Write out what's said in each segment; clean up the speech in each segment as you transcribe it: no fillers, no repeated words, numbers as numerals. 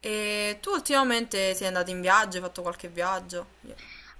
E tu ultimamente sei andato in viaggio, hai fatto qualche viaggio?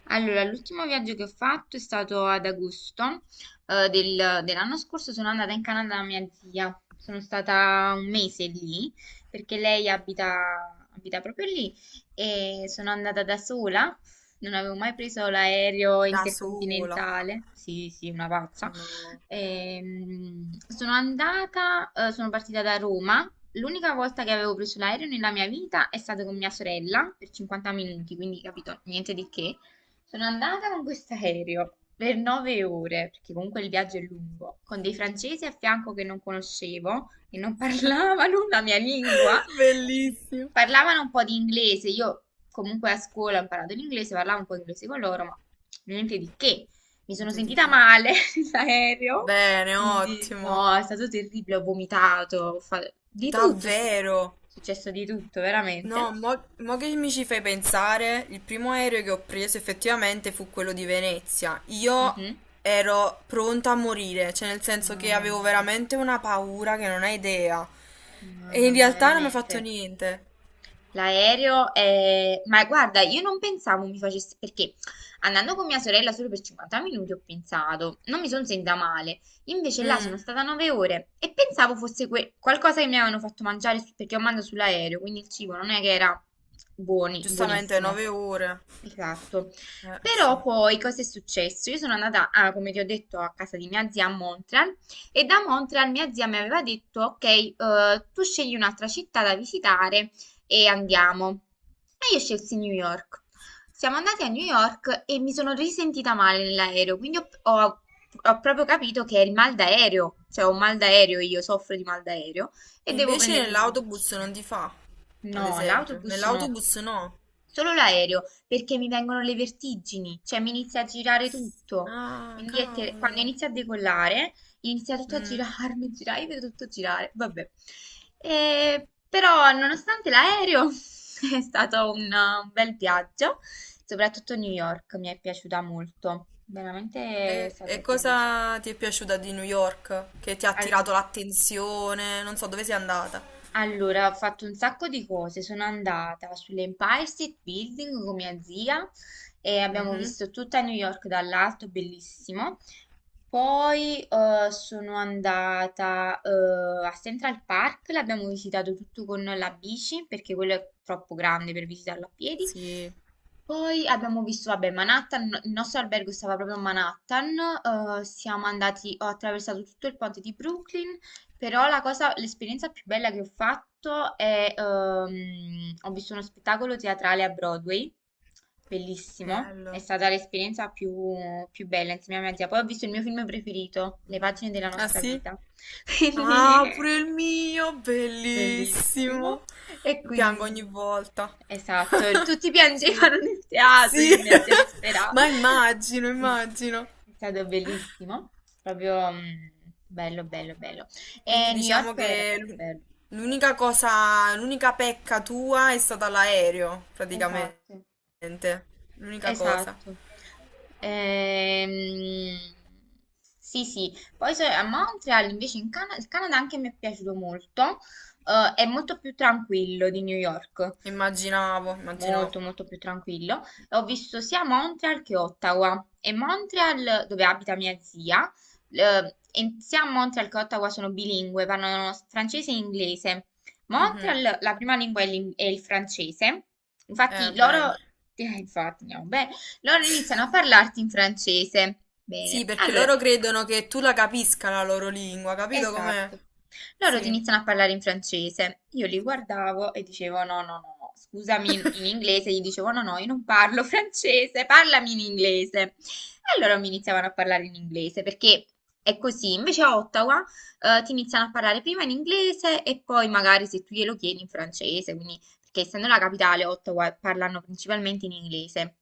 Allora, l'ultimo viaggio che ho fatto è stato ad agosto, dell'anno scorso. Sono andata in Canada da mia zia. Sono stata un mese lì perché lei abita proprio lì e sono andata da sola. Non avevo mai preso l'aereo Da sola? intercontinentale. Sì, sì, una pazza. No. Sono partita da Roma. L'unica volta che avevo preso l'aereo nella mia vita è stato con mia sorella per 50 minuti, quindi capito, niente di che. Sono andata con questo aereo per 9 ore, perché comunque il viaggio è lungo, con dei francesi a fianco che non conoscevo, che non parlavano la mia lingua, quindi Bellissimo. parlavano un po' di inglese. Io comunque a scuola ho imparato l'inglese, parlavo un po' di inglese con loro, ma niente di che. Mi sono Niente di sentita che. male nell'aereo, Bene, quindi ottimo. no, è stato terribile, ho vomitato, ho fatto di tutto, è Davvero? successo di tutto, veramente. No, mo che mi ci fai pensare, il primo aereo che ho preso effettivamente fu quello di Venezia. Io Mhm. ero pronta a morire, cioè nel senso che Mamma avevo mia. veramente una paura che non hai idea. E Mamma in mia, realtà non mi ha fatto veramente. niente. L'aereo è... Ma guarda, io non pensavo mi facesse... Perché andando con mia sorella solo per 50 minuti ho pensato, non mi sono sentita male. Invece là sono Mm, stata 9 ore e pensavo fosse qualcosa che mi avevano fatto mangiare perché ho mangiato sull'aereo, quindi il cibo non è che era giustamente, buonissimo. 9 ore. Esatto. Però Sì. poi cosa è successo? Io sono andata, ah, come ti ho detto, a casa di mia zia a Montreal e da Montreal mia zia mi aveva detto, ok, tu scegli un'altra città da visitare e andiamo. E io scelsi New York. Siamo andati a New York e mi sono risentita male nell'aereo, quindi ho proprio capito che è il mal d'aereo, cioè ho un mal d'aereo, io soffro di mal d'aereo e E devo invece prendermi delle nell'autobus non medicine. ti fa, No, ad esempio. l'autobus no, Nell'autobus no. solo l'aereo, perché mi vengono le vertigini, cioè mi inizia a girare tutto. Ah, Quindi quando cavolo. inizia a decollare, inizia tutto a Mm. girarmi, girare, io vedo tutto girare, vabbè. Però nonostante l'aereo è stato un bel viaggio, soprattutto New York mi è piaciuta molto, veramente è E stato bellissimo. cosa ti è piaciuta di New York? Che ti ha attirato l'attenzione? Non so dove sei andata. Allora, ho fatto un sacco di cose. Sono andata sull'Empire State Building con mia zia e abbiamo Mhm. visto tutta New York dall'alto, bellissimo. Poi sono andata a Central Park, l'abbiamo visitato tutto con la bici perché quello è troppo grande per visitarlo a piedi. Sì, Poi abbiamo visto, vabbè, Manhattan, il nostro albergo stava proprio a Manhattan, siamo andati, ho attraversato tutto il ponte di Brooklyn, però la cosa, l'esperienza più bella che ho fatto è, ho visto uno spettacolo teatrale a Broadway, bellissimo, è bello. stata l'esperienza più bella insieme a mia zia. Poi ho visto il mio film preferito, Le pagine della Ah nostra sì? vita, quindi. Ah, pure il mio, bellissimo. Bellissimo. E Piango ogni quindi, volta. esatto, tutti Sì. piangevano nel teatro, Sì. io e mia zia disperata. Ma immagino, Sì, sì. immagino. È stato bellissimo, proprio bello, bello, bello. E Quindi New diciamo York era che proprio bello. l'unica cosa, l'unica pecca tua è stata l'aereo, praticamente. Esatto, L'unica cosa. esatto. Ehm, sì, sì. Poi a Montreal, invece, il Canada anche mi è piaciuto molto. È molto più tranquillo di New York. Immaginavo, immaginavo. Molto molto più tranquillo. E ho visto sia Montreal che Ottawa e Montreal, dove abita mia zia, e sia Montreal che Ottawa sono bilingue, parlano francese e inglese. Mhm. Montreal, la prima lingua è il francese, infatti Bene. loro, infatti, andiamo bene, loro iniziano a parlarti in francese. Bene, Sì, perché allora. loro credono che tu la capisca la loro lingua, capito com'è? Esatto. Loro ti Sì, iniziano a parlare in francese. Io li guardavo e dicevo: No, no, no, no, scusami in inglese. Gli dicevo: No, no, io non parlo francese, parlami in inglese. E loro mi iniziavano a parlare in inglese perché è così. Invece a Ottawa, ti iniziano a parlare prima in inglese e poi magari se tu glielo chiedi in francese. Quindi, perché essendo la capitale, Ottawa parlano principalmente in inglese.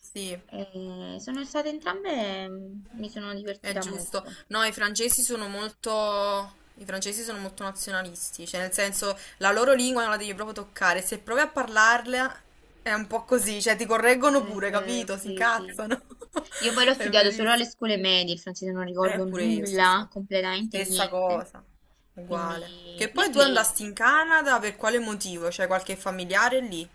sì. Sono state entrambe, mi sono È divertita giusto. molto. No, i francesi sono molto... i francesi sono molto nazionalisti, cioè nel senso la loro lingua non la devi proprio toccare, se provi a parlarla è un po' così, cioè ti È correggono pure, vero, capito? Si sì, sì. incazzano. Io poi l'ho È studiato solo alle verissimo. scuole medie, il francese non ricordo Pure io nulla, stessa. completamente Stessa niente. cosa, uguale. Quindi Che poi tu l'inglese. andasti in Canada per quale motivo? C'è qualche familiare lì?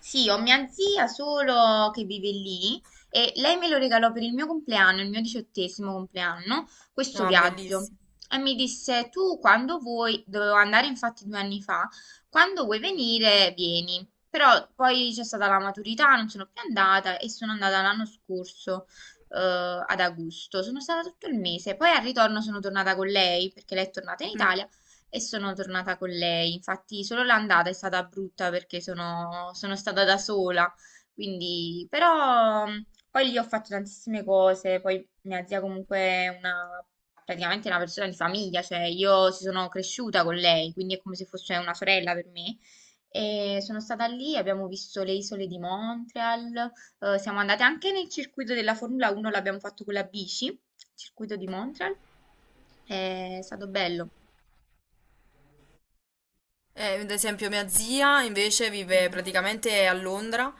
Sì, ho mia zia solo che vive lì e lei me lo regalò per il mio compleanno, il mio 18º compleanno, questo Ah, viaggio. bellissimo. E mi disse, tu quando vuoi, dovevo andare infatti 2 anni fa, quando vuoi venire, vieni. Però poi c'è stata la maturità, non sono più andata e sono andata l'anno scorso, ad agosto. Sono stata tutto il mese. Poi al ritorno sono tornata con lei perché lei è tornata in Mm. Italia e sono tornata con lei. Infatti, solo l'andata è stata brutta perché sono stata da sola. Quindi, però, poi lì ho fatto tantissime cose. Poi mia zia comunque è praticamente una persona di famiglia, cioè io ci sono cresciuta con lei, quindi è come se fosse una sorella per me. E sono stata lì, abbiamo visto le isole di Montreal, siamo andate anche nel circuito della Formula 1, l'abbiamo fatto con la bici, circuito di Montreal, è stato bello. Ad esempio, mia zia invece vive Mhm. praticamente a Londra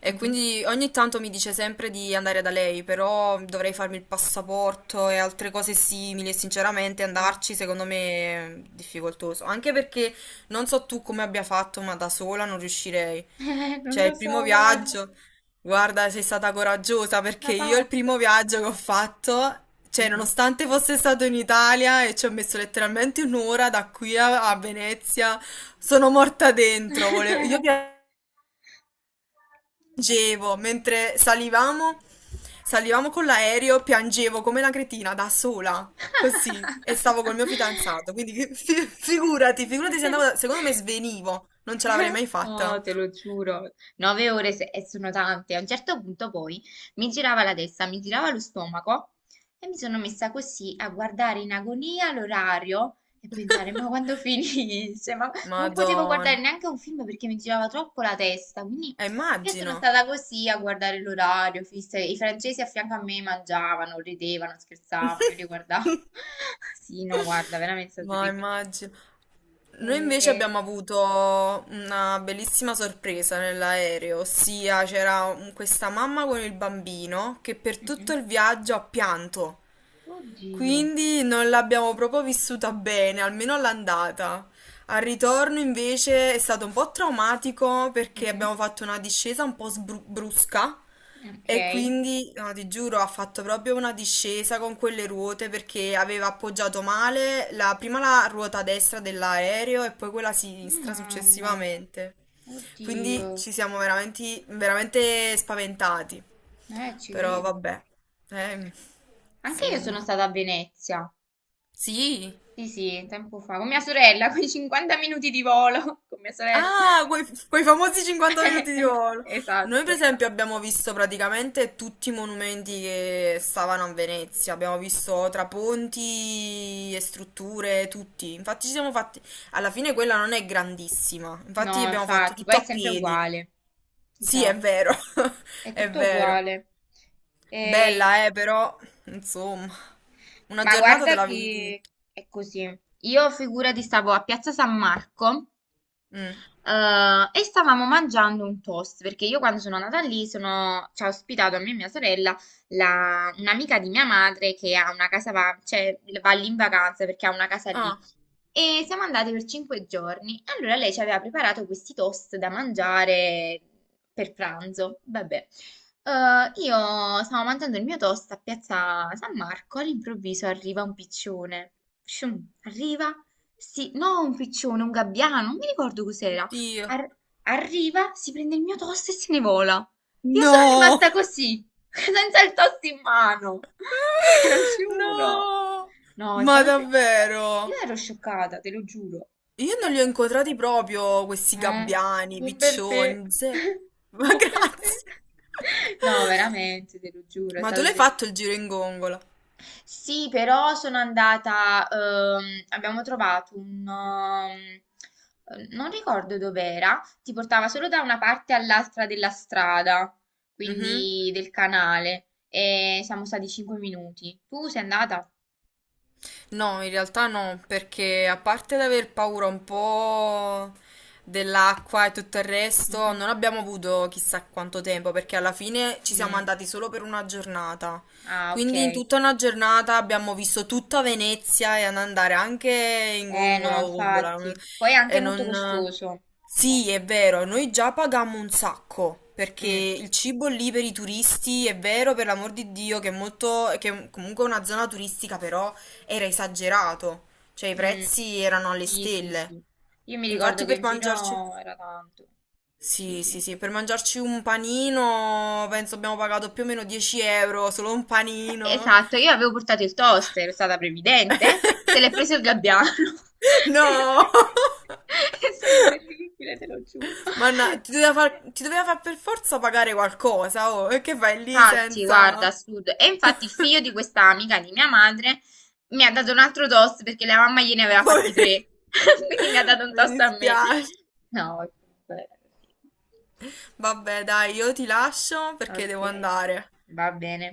e Mh-mh. quindi ogni tanto mi dice sempre di andare da lei, però dovrei farmi il passaporto e altre cose simili e sinceramente Ah. andarci secondo me è difficoltoso, anche perché non so tu come abbia fatto, ma da sola non riuscirei. Non Cioè, lo il primo so, guarda, viaggio, guarda, sei stata coraggiosa perché una io il primo pazza. viaggio che ho fatto, cioè, Mh-mh. nonostante fosse stato in Italia e ci ho messo letteralmente 1 ora da qui a, a Venezia, sono morta dentro. Io piangevo mentre salivamo, salivamo con l'aereo, piangevo come una cretina da sola. Così, e stavo col mio fidanzato, quindi figurati, figurati se andavo, secondo me svenivo, non ce l'avrei mai No, fatta. te lo giuro, 9 ore, e sono tante. A un certo punto poi mi girava la testa, mi girava lo stomaco e mi sono messa così a guardare in agonia l'orario e pensare, ma quando finisce? Ma non potevo guardare Madonna. neanche un film perché mi girava troppo la testa. Quindi io sono Immagino. stata così a guardare l'orario, fissa. I francesi a fianco a me mangiavano, ridevano, scherzavano, io li guardavo. Sì, no, guarda, veramente è stato Ma terribile. immagino. Noi invece Eh, abbiamo avuto una bellissima sorpresa nell'aereo, ossia c'era questa mamma con il bambino che per tutto mhm. il viaggio ha pianto. Oddio. Quindi non l'abbiamo proprio vissuta bene, almeno all'andata. Al ritorno invece è stato un po' traumatico perché Mhm. abbiamo fatto una discesa un po' brusca Ok. e quindi, no, ti giuro, ha fatto proprio una discesa con quelle ruote perché aveva appoggiato male prima la ruota destra dell'aereo e poi quella Oh, sinistra mamma, successivamente. Quindi oddio, ci siamo veramente, veramente spaventati. Ci Però credo. vabbè, eh, Anche io sono insomma. stata a Venezia. Sì. Sì, sì, tempo fa, con mia sorella, con 50 minuti di volo, con mia sorella. Ah, quei famosi 50 minuti di volo. Noi, per Esatto. esempio, abbiamo visto praticamente tutti i monumenti che stavano a Venezia. Abbiamo visto traponti e strutture, tutti. Infatti, ci siamo fatti. Alla fine, quella non è grandissima. Infatti, No, abbiamo fatto infatti, poi tutto è a sempre piedi. uguale. Sì, è Esatto, vero. è È tutto vero. uguale. E- Bella, però, insomma, una Ma giornata te guarda la vedi che tutta. è così. Io figurati stavo a Piazza San Marco. Mm. E stavamo mangiando un toast perché io quando sono andata lì ci ha ospitato a me e mia sorella un'amica di mia madre che ha una casa, va, cioè, va lì in vacanza perché ha una casa lì. Ah, E siamo andati per 5 giorni. Allora lei ci aveva preparato questi toast da mangiare per pranzo. Vabbè. Io stavo mangiando il mio toast a Piazza San Marco, all'improvviso arriva un piccione. Shum, arriva, sì, no, un piccione, un gabbiano, non mi ricordo cos'era. oddio. Ar- arriva, si prende il mio toast e se ne vola. Io sono No! rimasta così, senza il toast in mano. Te lo giuro. No! No, Ma io davvero? ero scioccata, te lo giuro. Io non Eh, li ho incontrati proprio questi eh, gabbiani, buon per te. piccioni, ze- Ma Buon per te. grazie. No, veramente, te lo giuro, Ma tu l'hai fatto il giro in gongola? sì, però sono andata, abbiamo trovato non ricordo dov'era, ti portava solo da una parte all'altra della strada, Mhm. quindi del canale, e siamo stati 5 minuti. Tu sei andata? No, in realtà no, perché a parte l'aver paura un po' dell'acqua e tutto il resto, Mhm. non abbiamo avuto chissà quanto tempo, perché alla fine ci siamo Mm. andati solo per una giornata. Ah, ok. Quindi in tutta una giornata abbiamo visto tutta Venezia e ad andare anche in Eh no, gongola o gondola. Infatti. So. Poi è anche E molto non... costoso. Sì, è vero, noi già pagammo un sacco, perché Mm, il cibo lì per i turisti è vero, per l'amor di Dio, che è molto, che è comunque una zona turistica, però era esagerato, cioè i mm. prezzi erano alle Sì, sì, stelle. sì. Io mi ricordo Infatti che per in mangiarci... giro era tanto. Sì, Sì, sì, sì. sì, per mangiarci un panino penso abbiamo pagato più o meno 10 euro, solo un panino. Esatto, io avevo portato il toaster, è stata previdente, se l'è preso il gabbiano. No! È stato terribile, te lo giuro. Manna, ti doveva far per forza pagare qualcosa, oh, e che fai lì Infatti, guarda, senza... assurdo. E infatti il figlio di questa amica di mia madre mi ha dato un altro toast perché la mamma gliene aveva fatti Poi- tre. Quindi mi ha dato un Mi toast a me. dispiace. No, comunque, sì. Vabbè, dai, io ti lascio perché Ok, devo andare. va bene.